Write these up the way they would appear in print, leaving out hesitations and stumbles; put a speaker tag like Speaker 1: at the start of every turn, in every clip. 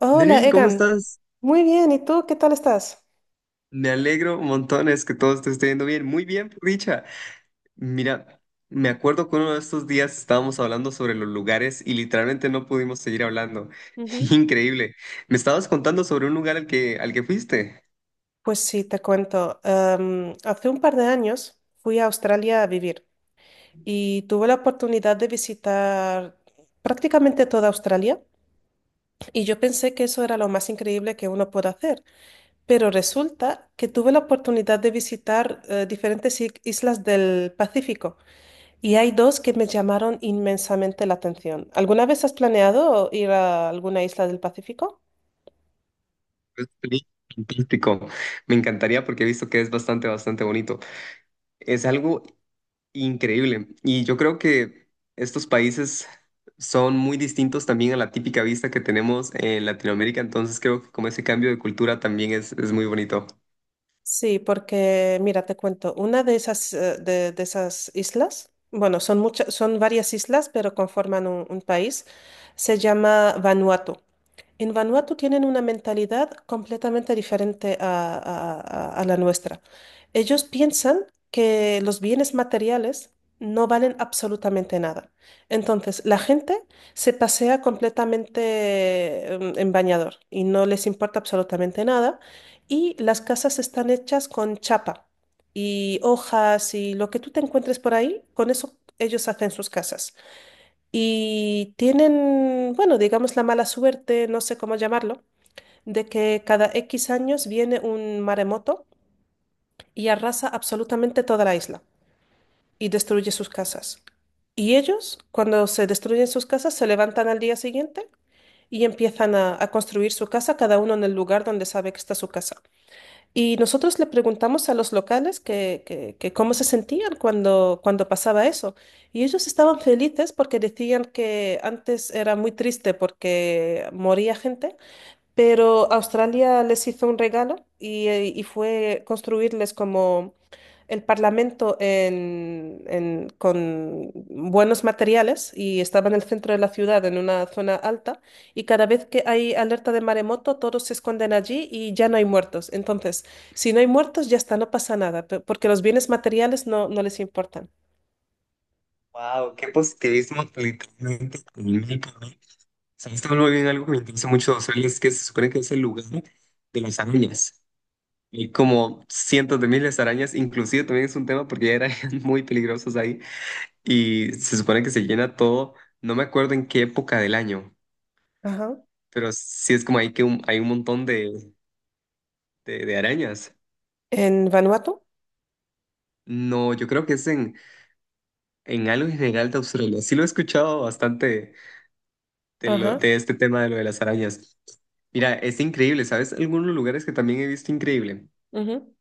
Speaker 1: Hola,
Speaker 2: Delvin, ¿cómo
Speaker 1: Egan.
Speaker 2: estás?
Speaker 1: Muy bien, ¿y tú qué tal estás?
Speaker 2: Me alegro montones que todo te esté yendo bien. Muy bien, por dicha. Mira, me acuerdo que uno de estos días estábamos hablando sobre los lugares y literalmente no pudimos seguir hablando.
Speaker 1: Ujú.
Speaker 2: Increíble. Me estabas contando sobre un lugar al que fuiste.
Speaker 1: Pues sí, te cuento. Hace un par de años fui a Australia a vivir y tuve la oportunidad de visitar prácticamente toda Australia y yo pensé que eso era lo más increíble que uno puede hacer, pero resulta que tuve la oportunidad de visitar diferentes islas del Pacífico y hay dos que me llamaron inmensamente la atención. ¿Alguna vez has planeado ir a alguna isla del Pacífico?
Speaker 2: Es fantástico. Me encantaría porque he visto que es bastante bonito. Es algo increíble. Y yo creo que estos países son muy distintos también a la típica vista que tenemos en Latinoamérica, entonces creo que como ese cambio de cultura también es muy bonito.
Speaker 1: Sí, porque mira, te cuento, una de esas, de esas islas, bueno, son muchas, son varias islas, pero conforman un país, se llama Vanuatu. En Vanuatu tienen una mentalidad completamente diferente a la nuestra. Ellos piensan que los bienes materiales no valen absolutamente nada. Entonces, la gente se pasea completamente en bañador y no les importa absolutamente nada. Y las casas están hechas con chapa y hojas y lo que tú te encuentres por ahí, con eso ellos hacen sus casas. Y tienen, bueno, digamos la mala suerte, no sé cómo llamarlo, de que cada X años viene un maremoto y arrasa absolutamente toda la isla y destruye sus casas. Y ellos, cuando se destruyen sus casas, se levantan al día siguiente y empiezan a construir su casa, cada uno en el lugar donde sabe que está su casa. Y nosotros le preguntamos a los locales que cómo se sentían cuando, cuando pasaba eso. Y ellos estaban felices porque decían que antes era muy triste porque moría gente, pero Australia les hizo un regalo y fue construirles como el Parlamento con buenos materiales y estaba en el centro de la ciudad, en una zona alta, y cada vez que hay alerta de maremoto, todos se esconden allí y ya no hay muertos. Entonces, si no hay muertos, ya está, no pasa nada, porque los bienes materiales no les importan.
Speaker 2: Wow, qué positivismo literalmente, técnico, ¿no? Sabes, muy bien, algo que me interesa mucho de Australia es que se supone que es el lugar de las arañas. Hay como cientos de miles de arañas, inclusive también es un tema porque hay arañas muy peligrosas ahí, y se supone que se llena todo, no me acuerdo en qué época del año,
Speaker 1: Ajá.
Speaker 2: pero sí es como ahí que hay un montón de arañas.
Speaker 1: En Vanuatu.
Speaker 2: No, yo creo que es en algo en general de Australia. Sí lo he escuchado bastante de, lo,
Speaker 1: Ajá.
Speaker 2: de este tema de lo de las arañas. Mira, es increíble, ¿sabes? Algunos lugares que también he visto increíble.
Speaker 1: Ujú,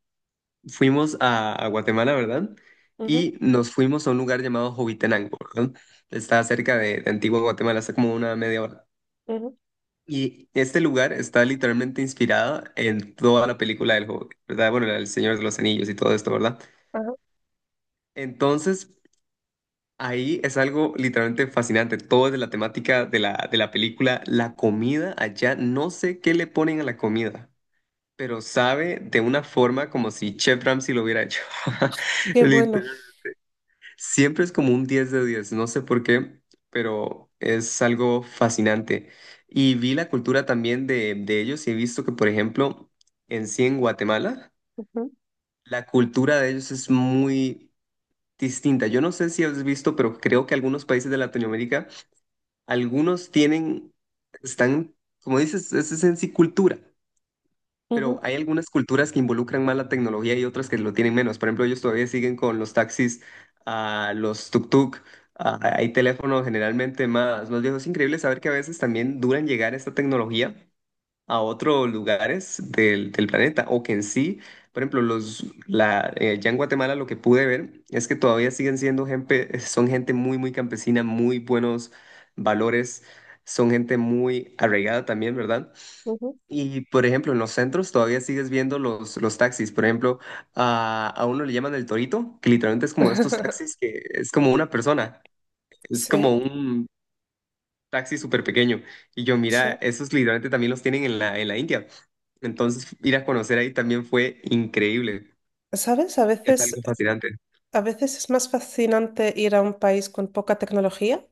Speaker 2: Fuimos a Guatemala, ¿verdad?
Speaker 1: ujú,
Speaker 2: Y nos fuimos a un lugar llamado Jovitenango, ¿verdad? Está cerca de Antigua Guatemala, está como una media hora.
Speaker 1: ujú,
Speaker 2: Y este lugar está literalmente inspirado en toda la película del Hobbit, ¿verdad? Bueno, el Señor de los Anillos y todo esto, ¿verdad?
Speaker 1: ajá.
Speaker 2: Entonces, ahí es algo literalmente fascinante. Todo es de la temática de la película. La comida allá, no sé qué le ponen a la comida, pero sabe de una forma como si Chef Ramsay lo hubiera hecho.
Speaker 1: Qué bueno.
Speaker 2: Literal. Siempre es como un 10 de 10, no sé por qué, pero es algo fascinante. Y vi la cultura también de ellos, y he visto que, por ejemplo, en sí en Guatemala,
Speaker 1: Ujú,
Speaker 2: la cultura de ellos es muy distinta. Yo no sé si has visto, pero creo que algunos países de Latinoamérica, algunos tienen, están, como dices, es en sí cultura, pero
Speaker 1: ujú,
Speaker 2: hay algunas culturas que involucran más la tecnología y otras que lo tienen menos. Por ejemplo, ellos todavía siguen con los taxis, ah, los tuk-tuk. Ah, hay teléfonos generalmente más viejos. Es increíble saber que a veces también duran llegar esta tecnología a otros lugares del planeta, o que en sí, por ejemplo, ya en Guatemala lo que pude ver es que todavía siguen siendo gente, son gente muy campesina, muy buenos valores, son gente muy arraigada también, ¿verdad?
Speaker 1: ujú.
Speaker 2: Y, por ejemplo, en los centros todavía sigues viendo los taxis. Por ejemplo, a uno le llaman el torito, que literalmente es como estos taxis que es como una persona. Es
Speaker 1: Sí,
Speaker 2: como un taxi súper pequeño. Y yo, mira,
Speaker 1: sí.
Speaker 2: esos literalmente también los tienen en la India. Entonces, ir a conocer ahí también fue increíble.
Speaker 1: ¿Sabes?
Speaker 2: Es algo fascinante.
Speaker 1: A veces es más fascinante ir a un país con poca tecnología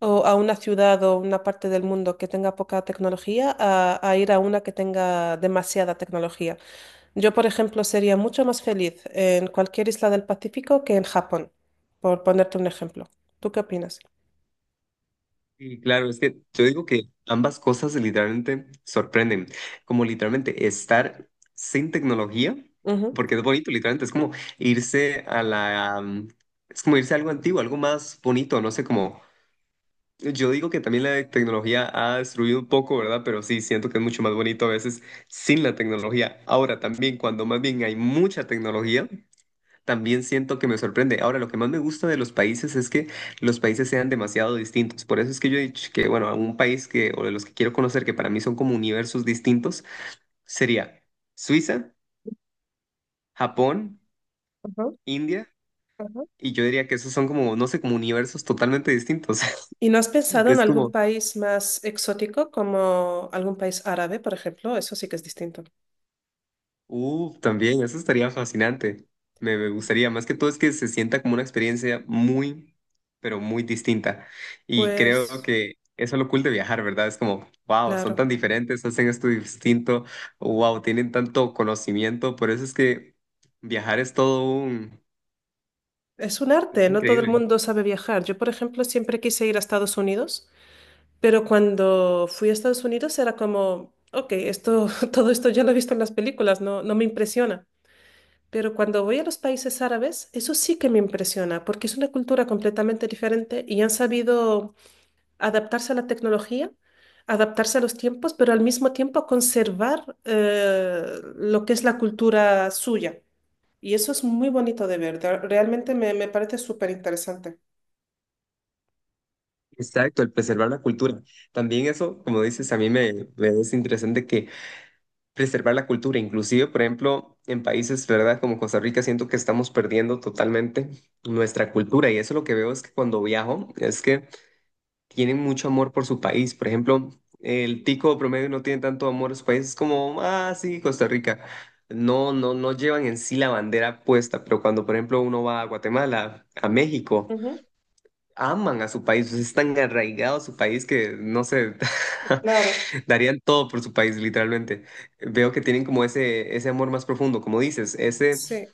Speaker 1: o a una ciudad o una parte del mundo que tenga poca tecnología a ir a una que tenga demasiada tecnología. Yo, por ejemplo, sería mucho más feliz en cualquier isla del Pacífico que en Japón, por ponerte un ejemplo. ¿Tú qué opinas?
Speaker 2: Y claro, es que yo digo que ambas cosas literalmente sorprenden. Como literalmente estar sin tecnología,
Speaker 1: Ujú,
Speaker 2: porque es bonito, literalmente. Irse a la... um, Es como irse a algo antiguo, algo más bonito, no sé. Como yo digo, que también la tecnología ha destruido un poco, ¿verdad? Pero sí, siento que es mucho más bonito a veces sin la tecnología. Ahora también, cuando más bien hay mucha tecnología, también siento que me sorprende. Ahora, lo que más me gusta de los países es que los países sean demasiado distintos. Por eso es que yo he dicho que, bueno, un país que, o de los que quiero conocer, que para mí son como universos distintos, sería Suiza, Japón,
Speaker 1: ujú,
Speaker 2: India,
Speaker 1: ujú.
Speaker 2: y yo diría que esos son como, no sé, como universos totalmente distintos.
Speaker 1: ¿Y no has pensado en
Speaker 2: Es
Speaker 1: algún
Speaker 2: como...
Speaker 1: país más exótico como algún país árabe, por ejemplo? Eso sí que es distinto.
Speaker 2: uh, también, eso estaría fascinante. Me gustaría, más que todo, es que se sienta como una experiencia muy, pero muy distinta. Y creo
Speaker 1: Pues,
Speaker 2: que eso es lo cool de viajar, ¿verdad? Es como, wow, son
Speaker 1: claro.
Speaker 2: tan diferentes, hacen esto distinto, wow, tienen tanto conocimiento. Por eso es que viajar es todo un...
Speaker 1: Es un
Speaker 2: Es
Speaker 1: arte, no todo el
Speaker 2: increíble.
Speaker 1: mundo sabe viajar. Yo, por ejemplo, siempre quise ir a Estados Unidos, pero cuando fui a Estados Unidos era como, ok, esto, todo esto ya lo he visto en las películas, no, no me impresiona. Pero cuando voy a los países árabes, eso sí que me impresiona, porque es una cultura completamente diferente y han sabido adaptarse a la tecnología, adaptarse a los tiempos, pero al mismo tiempo conservar lo que es la cultura suya. Y eso es muy bonito de ver, realmente me parece súper interesante.
Speaker 2: Exacto, el preservar la cultura. También eso, como dices, a mí me es interesante que preservar la cultura. Inclusive, por ejemplo, en países, ¿verdad? Como Costa Rica, siento que estamos perdiendo totalmente nuestra cultura. Y eso lo que veo es que cuando viajo, es que tienen mucho amor por su país. Por ejemplo, el tico promedio no tiene tanto amor a su país. Es como, ah, sí, Costa Rica. No llevan en sí la bandera puesta. Pero cuando, por ejemplo, uno va a Guatemala, a México,
Speaker 1: Ujú,
Speaker 2: aman a su país. Es tan arraigado a su país que, no sé,
Speaker 1: claro,
Speaker 2: darían todo por su país, literalmente. Veo que tienen como ese amor más profundo, como dices, ese,
Speaker 1: sí,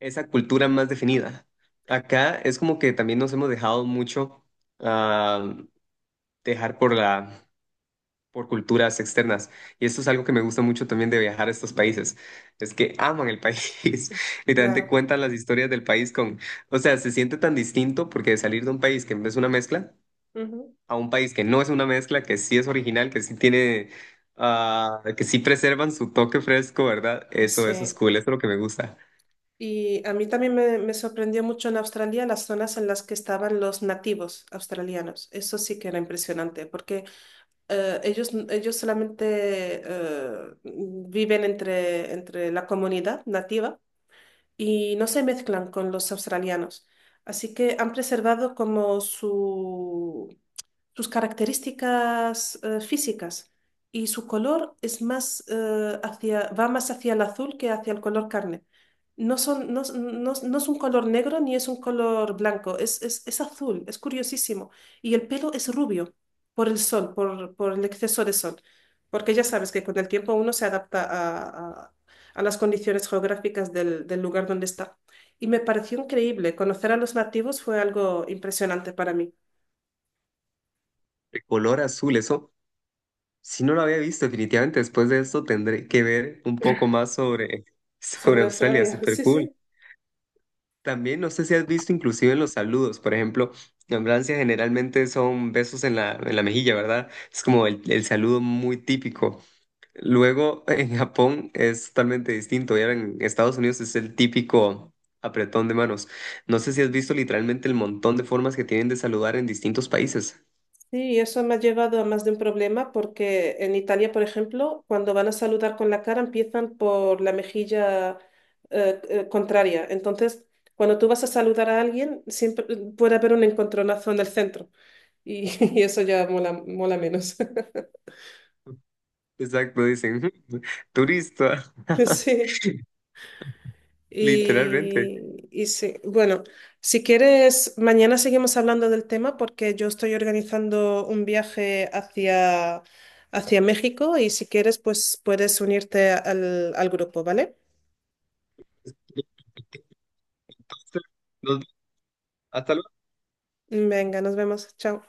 Speaker 2: esa cultura más definida. Acá es como que también nos hemos dejado mucho ah, dejar por por culturas externas. Y esto es algo que me gusta mucho también de viajar a estos países. Es que aman el país. Literalmente
Speaker 1: claro.
Speaker 2: cuentan las historias del país con, o sea, se siente tan distinto porque de salir de un país que es una mezcla
Speaker 1: Ujú,
Speaker 2: a un país que no es una mezcla, que sí es original, que sí tiene, ah, que sí preservan su toque fresco, ¿verdad? Eso es
Speaker 1: sí.
Speaker 2: cool, eso es lo que me gusta.
Speaker 1: Y a mí también me sorprendió mucho en Australia las zonas en las que estaban los nativos australianos. Eso sí que era impresionante, porque ellos solamente viven entre, entre la comunidad nativa y no se mezclan con los australianos. Así que han preservado como sus características físicas y su color es más, hacia, va más hacia el azul que hacia el color carne. No son, no, no es un color negro ni es un color blanco, es azul, es curiosísimo. Y el pelo es rubio por el sol, por el exceso de sol. Porque ya sabes que con el tiempo uno se adapta a las condiciones geográficas del, del lugar donde está. Y me pareció increíble. Conocer a los nativos fue algo impresionante para mí.
Speaker 2: El color azul, eso, si no lo había visto, definitivamente después de esto tendré que ver un poco más sobre, sobre
Speaker 1: Sobre
Speaker 2: Australia,
Speaker 1: Australia,
Speaker 2: súper
Speaker 1: sí,
Speaker 2: cool.
Speaker 1: sí.
Speaker 2: También no sé si has visto inclusive en los saludos, por ejemplo, en Francia generalmente son besos en la mejilla, ¿verdad? Es como el saludo muy típico. Luego en Japón es totalmente distinto. Y ahora en Estados Unidos es el típico apretón de manos. No sé si has visto literalmente el montón de formas que tienen de saludar en distintos países.
Speaker 1: Sí, eso me ha llevado a más de un problema porque en Italia, por ejemplo, cuando van a saludar con la cara empiezan por la mejilla contraria. Entonces, cuando tú vas a saludar a alguien, siempre puede haber un encontronazo en el centro y, y eso ya mola, mola menos.
Speaker 2: Exacto, dicen "ujú, turista",
Speaker 1: Sí.
Speaker 2: literalmente.
Speaker 1: Y sí, bueno, si quieres, mañana seguimos hablando del tema porque yo estoy organizando un viaje hacia México y si quieres, pues puedes unirte al grupo, ¿vale?
Speaker 2: Hasta
Speaker 1: Venga, nos vemos. Chao.